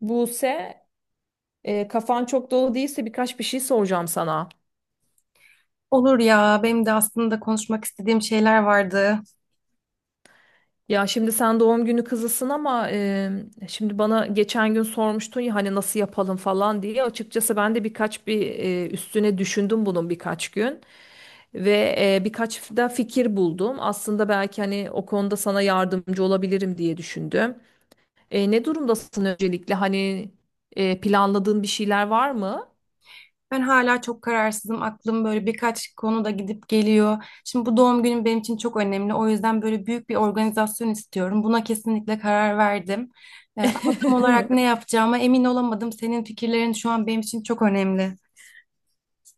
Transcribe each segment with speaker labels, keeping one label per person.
Speaker 1: Buse, kafan çok dolu değilse birkaç bir şey soracağım sana.
Speaker 2: Olur ya, benim de aslında konuşmak istediğim şeyler vardı.
Speaker 1: Ya şimdi sen doğum günü kızısın ama şimdi bana geçen gün sormuştun ya hani nasıl yapalım falan diye. Açıkçası ben de birkaç üstüne düşündüm bunun birkaç gün ve birkaç da fikir buldum. Aslında belki hani o konuda sana yardımcı olabilirim diye düşündüm. Ne durumdasın öncelikle? Hani planladığın bir şeyler var mı?
Speaker 2: Ben hala çok kararsızım. Aklım böyle birkaç konuda gidip geliyor. Şimdi bu doğum günüm benim için çok önemli. O yüzden böyle büyük bir organizasyon istiyorum. Buna kesinlikle karar verdim. Ama tam olarak ne yapacağıma emin olamadım. Senin fikirlerin şu an benim için çok önemli.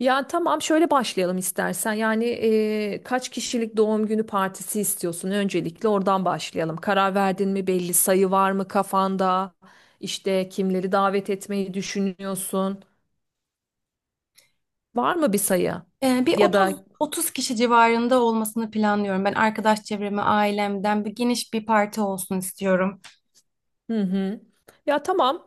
Speaker 1: Ya tamam şöyle başlayalım istersen. Yani kaç kişilik doğum günü partisi istiyorsun? Öncelikle oradan başlayalım. Karar verdin mi, belli sayı var mı kafanda? İşte kimleri davet etmeyi düşünüyorsun? Var mı bir sayı?
Speaker 2: Bir
Speaker 1: Ya
Speaker 2: 30
Speaker 1: da
Speaker 2: 30 kişi civarında olmasını planlıyorum. Ben arkadaş çevremi, ailemden bir geniş bir parti olsun istiyorum.
Speaker 1: hı hı. Ya tamam.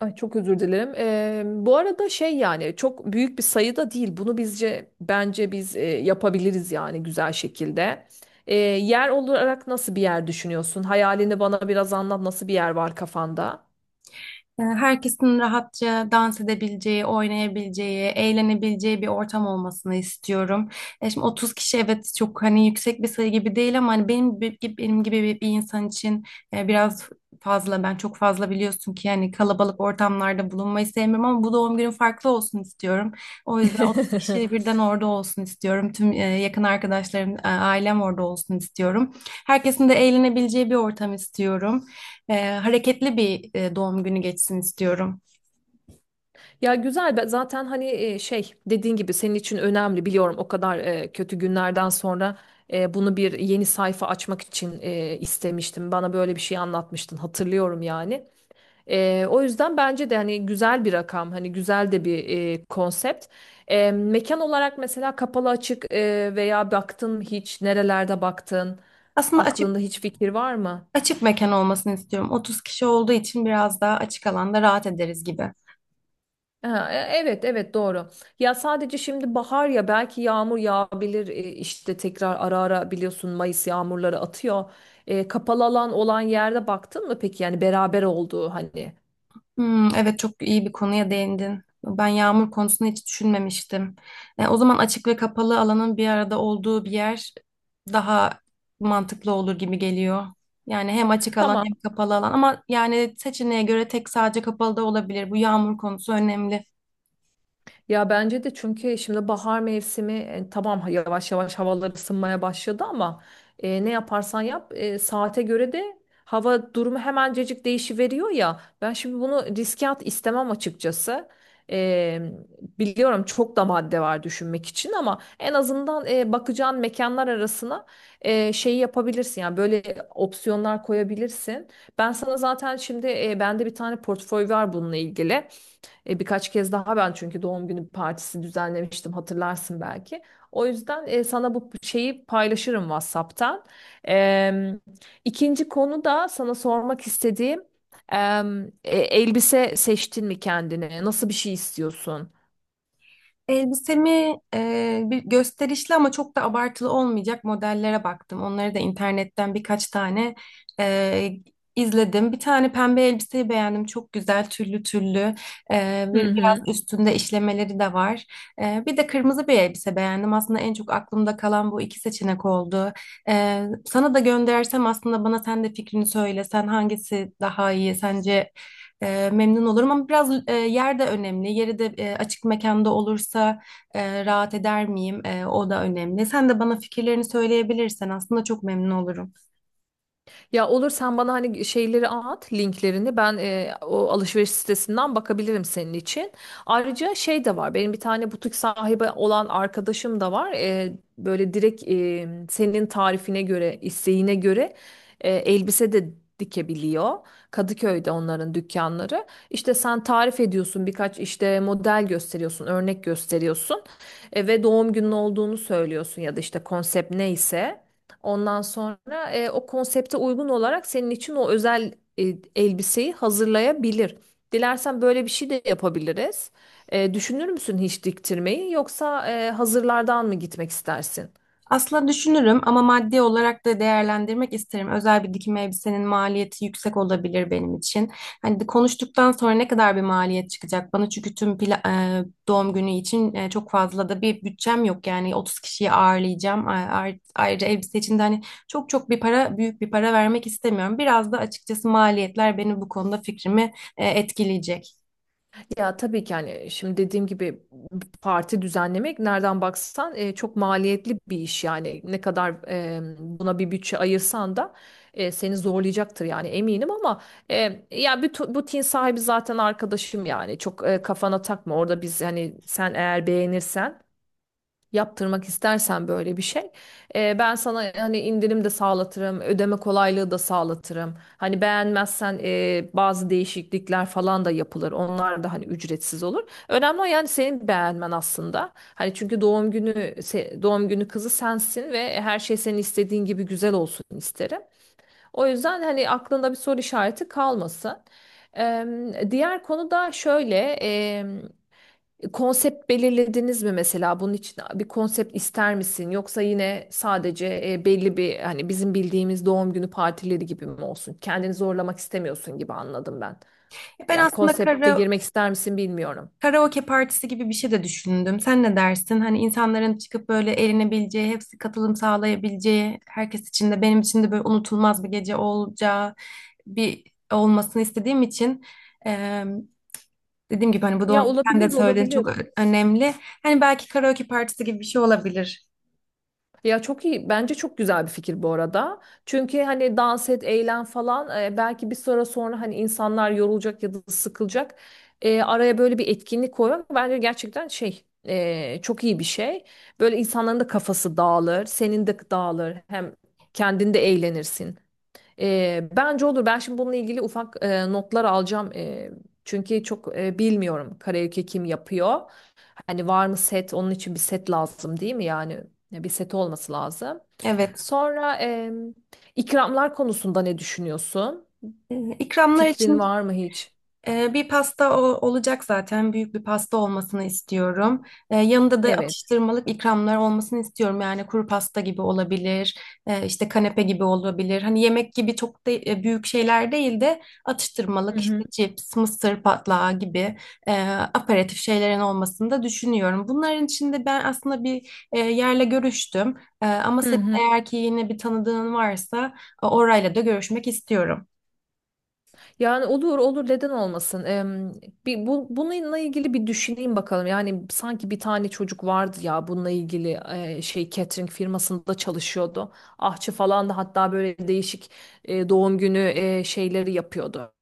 Speaker 1: Ay çok özür dilerim. Bu arada şey, yani çok büyük bir sayıda değil. Bunu bence yapabiliriz yani güzel şekilde. Yer olarak nasıl bir yer düşünüyorsun? Hayalini bana biraz anlat. Nasıl bir yer var kafanda?
Speaker 2: Herkesin rahatça dans edebileceği, oynayabileceği, eğlenebileceği bir ortam olmasını istiyorum. Şimdi 30 kişi evet çok hani yüksek bir sayı gibi değil ama hani benim gibi bir insan için biraz fazla. Ben çok fazla biliyorsun ki yani kalabalık ortamlarda bulunmayı sevmiyorum ama bu doğum günüm farklı olsun istiyorum. O yüzden 30 kişi birden orada olsun istiyorum. Tüm yakın arkadaşlarım, ailem orada olsun istiyorum. Herkesin de eğlenebileceği bir ortam istiyorum, hareketli bir doğum günü geçsin istiyorum.
Speaker 1: Ya güzel zaten hani şey, dediğin gibi senin için önemli, biliyorum, o kadar kötü günlerden sonra bunu bir yeni sayfa açmak için istemiştim. Bana böyle bir şey anlatmıştın, hatırlıyorum yani. O yüzden bence de hani güzel bir rakam, hani güzel de bir konsept. Mekan olarak mesela kapalı açık veya baktın mı hiç, nerelerde baktın,
Speaker 2: Aslında açık
Speaker 1: aklında hiç fikir var mı?
Speaker 2: Açık mekan olmasını istiyorum. 30 kişi olduğu için biraz daha açık alanda rahat ederiz gibi.
Speaker 1: Ha, evet evet, doğru. Ya sadece şimdi bahar ya, belki yağmur yağabilir işte tekrar ara ara, biliyorsun Mayıs yağmurları atıyor. Kapalı alan olan yerde baktın mı peki, yani beraber olduğu hani.
Speaker 2: Hmm, evet çok iyi bir konuya değindin. Ben yağmur konusunu hiç düşünmemiştim. E, o zaman açık ve kapalı alanın bir arada olduğu bir yer daha mantıklı olur gibi geliyor. Yani hem açık alan
Speaker 1: Tamam.
Speaker 2: hem kapalı alan ama yani seçeneğe göre tek sadece kapalı da olabilir. Bu yağmur konusu önemli.
Speaker 1: Ya bence de, çünkü şimdi bahar mevsimi, tamam yavaş yavaş havalar ısınmaya başladı ama ne yaparsan yap, saate göre de hava durumu hemencecik değişiveriyor ya. Ben şimdi bunu riske at istemem açıkçası. E, Biliyorum çok da madde var düşünmek için ama en azından bakacağın mekanlar arasına şeyi yapabilirsin. Yani böyle opsiyonlar koyabilirsin. Ben sana zaten şimdi bende bir tane portföy var bununla ilgili. Birkaç kez daha ben çünkü doğum günü partisi düzenlemiştim, hatırlarsın belki. O yüzden sana bu şeyi paylaşırım WhatsApp'tan. Em, ikinci konu da sana sormak istediğim, elbise seçtin mi kendine? Nasıl bir şey istiyorsun?
Speaker 2: Elbisemi bir gösterişli ama çok da abartılı olmayacak modellere baktım. Onları da internetten birkaç tane e, izledim. Bir tane pembe elbiseyi beğendim. Çok güzel tüllü tüllü.
Speaker 1: Hı hı.
Speaker 2: Biraz üstünde işlemeleri de var. Bir de kırmızı bir elbise beğendim. Aslında en çok aklımda kalan bu iki seçenek oldu. Sana da göndersem aslında bana sen de fikrini söyle. Sen hangisi daha iyi? Sence memnun olurum ama biraz yer de önemli. Yeri de açık mekanda olursa rahat eder miyim? E, o da önemli. Sen de bana fikirlerini söyleyebilirsen aslında çok memnun olurum.
Speaker 1: Ya olur, sen bana hani şeyleri at, linklerini ben o alışveriş sitesinden bakabilirim senin için. Ayrıca şey de var, benim bir tane butik sahibi olan arkadaşım da var. Böyle direkt senin tarifine göre, isteğine göre elbise de dikebiliyor. Kadıköy'de onların dükkanları. İşte sen tarif ediyorsun, birkaç işte model gösteriyorsun, örnek gösteriyorsun ve doğum günün olduğunu söylüyorsun ya da işte konsept neyse. Ondan sonra o konsepte uygun olarak senin için o özel e, elbiseyi hazırlayabilir. Dilersen böyle bir şey de yapabiliriz. Düşünür müsün hiç diktirmeyi, yoksa hazırlardan mı gitmek istersin?
Speaker 2: Aslında düşünürüm ama maddi olarak da değerlendirmek isterim. Özel bir dikim elbisenin maliyeti yüksek olabilir benim için. Hani de konuştuktan sonra ne kadar bir maliyet çıkacak bana çünkü doğum günü için çok fazla da bir bütçem yok. Yani 30 kişiyi ağırlayacağım. Ayrıca elbise için de hani büyük bir para vermek istemiyorum. Biraz da açıkçası maliyetler beni bu konuda fikrimi etkileyecek.
Speaker 1: Ya tabii ki, hani şimdi dediğim gibi parti düzenlemek nereden baksan çok maliyetli bir iş. Yani ne kadar buna bir bütçe ayırsan da seni zorlayacaktır yani, eminim, ama e, ya bu tin sahibi zaten arkadaşım yani. Çok kafana takma orada, biz hani sen eğer beğenirsen yaptırmak istersen böyle bir şey. Ben sana hani indirim de sağlatırım, ödeme kolaylığı da sağlatırım. Hani beğenmezsen bazı değişiklikler falan da yapılır. Onlar da hani ücretsiz olur. Önemli o, yani senin beğenmen aslında. Hani çünkü doğum doğum günü kızı sensin ve her şey senin istediğin gibi güzel olsun isterim. O yüzden hani aklında bir soru işareti kalmasın. Diğer konu da şöyle, konsept belirlediniz mi mesela? Bunun için bir konsept ister misin? Yoksa yine sadece belli bir, hani bizim bildiğimiz doğum günü partileri gibi mi olsun? Kendini zorlamak istemiyorsun gibi anladım ben.
Speaker 2: Ben
Speaker 1: Ya
Speaker 2: aslında
Speaker 1: konsepte
Speaker 2: kara
Speaker 1: girmek ister misin bilmiyorum.
Speaker 2: Karaoke partisi gibi bir şey de düşündüm. Sen ne dersin? Hani insanların çıkıp böyle eğlenebileceği, hepsi katılım sağlayabileceği, herkes için de benim için de böyle unutulmaz bir gece olacağı bir olmasını istediğim için eee, dediğim gibi hani bu doğum
Speaker 1: Ya
Speaker 2: günü sen de
Speaker 1: olabilir
Speaker 2: söylediğin
Speaker 1: olabilir.
Speaker 2: çok ö- önemli. Hani belki karaoke partisi gibi bir şey olabilir.
Speaker 1: Ya çok iyi. Bence çok güzel bir fikir bu arada. Çünkü hani dans et, eğlen falan, belki bir süre sonra hani insanlar yorulacak ya da sıkılacak. Araya böyle bir etkinlik koymak bence gerçekten şey, çok iyi bir şey. Böyle insanların da kafası dağılır, senin de dağılır. Hem kendin de eğlenirsin. Bence olur. Ben şimdi bununla ilgili ufak notlar alacağım. Çünkü çok bilmiyorum karaoke kim yapıyor. Hani var mı set? Onun için bir set lazım değil mi? Yani bir set olması lazım.
Speaker 2: Evet.
Speaker 1: Sonra ikramlar konusunda ne düşünüyorsun?
Speaker 2: İkramlar
Speaker 1: Fikrin
Speaker 2: için
Speaker 1: var mı hiç?
Speaker 2: Bir pasta olacak zaten. Büyük bir pasta olmasını istiyorum. Yanında da
Speaker 1: Evet.
Speaker 2: atıştırmalık ikramlar olmasını istiyorum. Yani kuru pasta gibi olabilir, işte kanepe gibi olabilir. Hani yemek gibi çok da büyük şeyler değil de
Speaker 1: Hı
Speaker 2: atıştırmalık
Speaker 1: hı.
Speaker 2: işte cips, mısır patlağı gibi e, aperatif şeylerin olmasını da düşünüyorum. Bunların içinde ben aslında bir yerle görüştüm. E, ama
Speaker 1: Hı
Speaker 2: senin
Speaker 1: hı.
Speaker 2: eğer ki yine bir tanıdığın varsa orayla da görüşmek istiyorum.
Speaker 1: Yani olur olur, neden olmasın? Bir bununla ilgili bir düşüneyim bakalım. Yani sanki bir tane çocuk vardı ya bununla ilgili, şey, catering firmasında çalışıyordu. Ahçı falan da, hatta böyle değişik doğum günü şeyleri yapıyordu.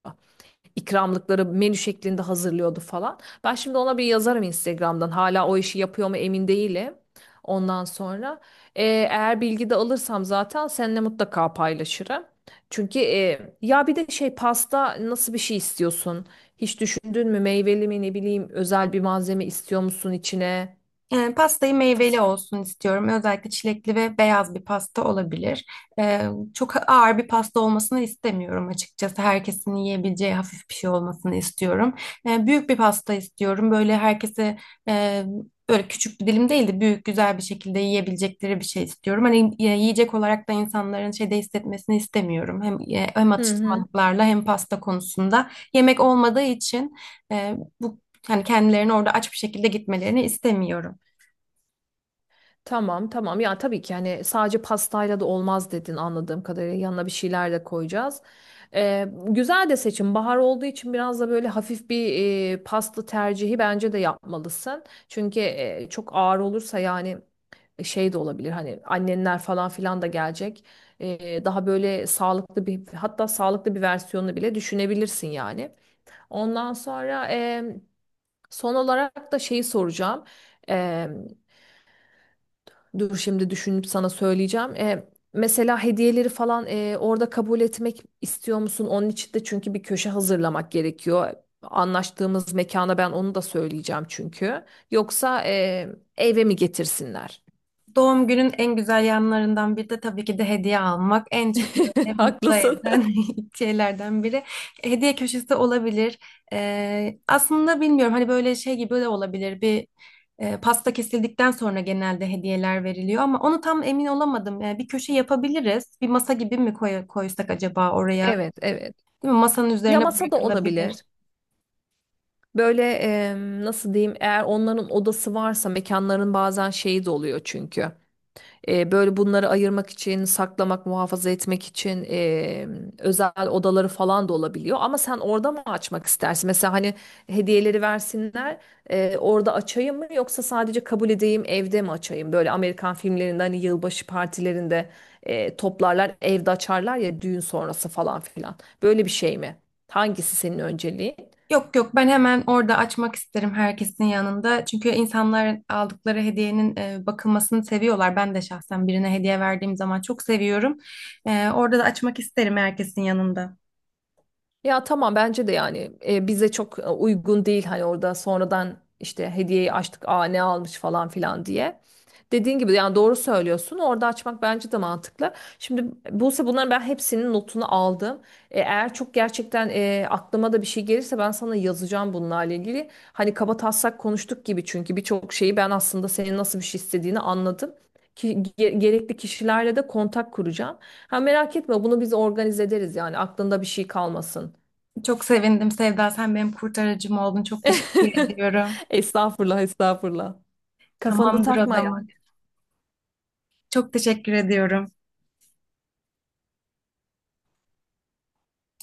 Speaker 1: İkramlıkları menü şeklinde hazırlıyordu falan. Ben şimdi ona bir yazarım Instagram'dan. Hala o işi yapıyor mu emin değilim. Ondan sonra eğer bilgi de alırsam zaten seninle mutlaka paylaşırım. Çünkü ya bir de şey, pasta nasıl bir şey istiyorsun? Hiç düşündün mü, meyveli mi, ne bileyim, özel bir malzeme istiyor musun içine?
Speaker 2: E, pastayı meyveli
Speaker 1: Fas-
Speaker 2: olsun istiyorum. Özellikle çilekli ve beyaz bir pasta olabilir. E, Çok ağır bir pasta olmasını istemiyorum açıkçası. Herkesin yiyebileceği hafif bir şey olmasını istiyorum. Büyük bir pasta istiyorum. Böyle herkese e, böyle küçük bir dilim değil de büyük güzel bir şekilde yiyebilecekleri bir şey istiyorum. Hani yiyecek olarak da insanların şeyde hissetmesini istemiyorum. Hem
Speaker 1: Hı hı.
Speaker 2: atıştırmalıklarla hem pasta konusunda. Yemek olmadığı için e, bu yani kendilerini orada aç bir şekilde gitmelerini istemiyorum.
Speaker 1: Tamam tamam, ya tabii ki hani sadece pastayla da olmaz dedin anladığım kadarıyla, yanına bir şeyler de koyacağız. Güzel de seçim, bahar olduğu için biraz da böyle hafif bir pasta tercihi bence de yapmalısın. Çünkü çok ağır olursa yani, şey de olabilir, hani annenler falan filan da gelecek. Daha böyle sağlıklı bir, hatta sağlıklı bir versiyonunu bile düşünebilirsin yani. Ondan sonra son olarak da şeyi soracağım. Dur şimdi düşünüp sana söyleyeceğim. Mesela hediyeleri falan orada kabul etmek istiyor musun? Onun için de çünkü bir köşe hazırlamak gerekiyor. Anlaştığımız mekana ben onu da söyleyeceğim çünkü. Yoksa eve mi getirsinler?
Speaker 2: Doğum günün en güzel yanlarından biri de tabii ki de hediye almak. En çok böyle mutlu
Speaker 1: Haklısın.
Speaker 2: eden şeylerden biri. Hediye köşesi olabilir. Aslında bilmiyorum hani böyle şey gibi de olabilir. Bir pasta kesildikten sonra genelde hediyeler veriliyor ama onu tam emin olamadım. Yani bir köşe yapabiliriz. Bir masa gibi mi koysak acaba oraya?
Speaker 1: Evet, evet.
Speaker 2: Değil mi? Masanın
Speaker 1: Ya
Speaker 2: üzerine
Speaker 1: masa da
Speaker 2: bırakılabilir.
Speaker 1: olabilir. Böyle nasıl diyeyim? Eğer onların odası varsa, mekanların bazen şeyi de oluyor çünkü. Böyle bunları ayırmak için, saklamak, muhafaza etmek için özel odaları falan da olabiliyor. Ama sen orada mı açmak istersin? Mesela hani hediyeleri versinler, orada açayım mı, yoksa sadece kabul edeyim, evde mi açayım? Böyle Amerikan filmlerinde hani yılbaşı partilerinde toplarlar, evde açarlar ya, düğün sonrası falan filan. Böyle bir şey mi? Hangisi senin önceliğin?
Speaker 2: Yok yok ben hemen orada açmak isterim herkesin yanında. Çünkü insanlar aldıkları hediyenin bakılmasını seviyorlar. Ben de şahsen birine hediye verdiğim zaman çok seviyorum. E, orada da açmak isterim herkesin yanında.
Speaker 1: Ya tamam, bence de yani bize çok uygun değil hani orada sonradan işte hediyeyi açtık, aa ne almış falan filan diye. Dediğin gibi yani, doğru söylüyorsun, orada açmak bence de mantıklı. Şimdi Buse, bunların ben hepsinin notunu aldım. Eğer çok gerçekten aklıma da bir şey gelirse ben sana yazacağım bunlarla ilgili. Hani kaba taslak konuştuk gibi, çünkü birçok şeyi ben aslında senin nasıl bir şey istediğini anladım. Ki, gerekli kişilerle de kontak kuracağım. Ha, merak etme, bunu biz organize ederiz yani, aklında bir şey kalmasın.
Speaker 2: Çok sevindim Sevda. Sen benim kurtarıcım oldun. Çok teşekkür ediyorum.
Speaker 1: Estağfurullah, estağfurullah. Kafanı
Speaker 2: Tamamdır o
Speaker 1: takma
Speaker 2: zaman. Çok teşekkür ediyorum.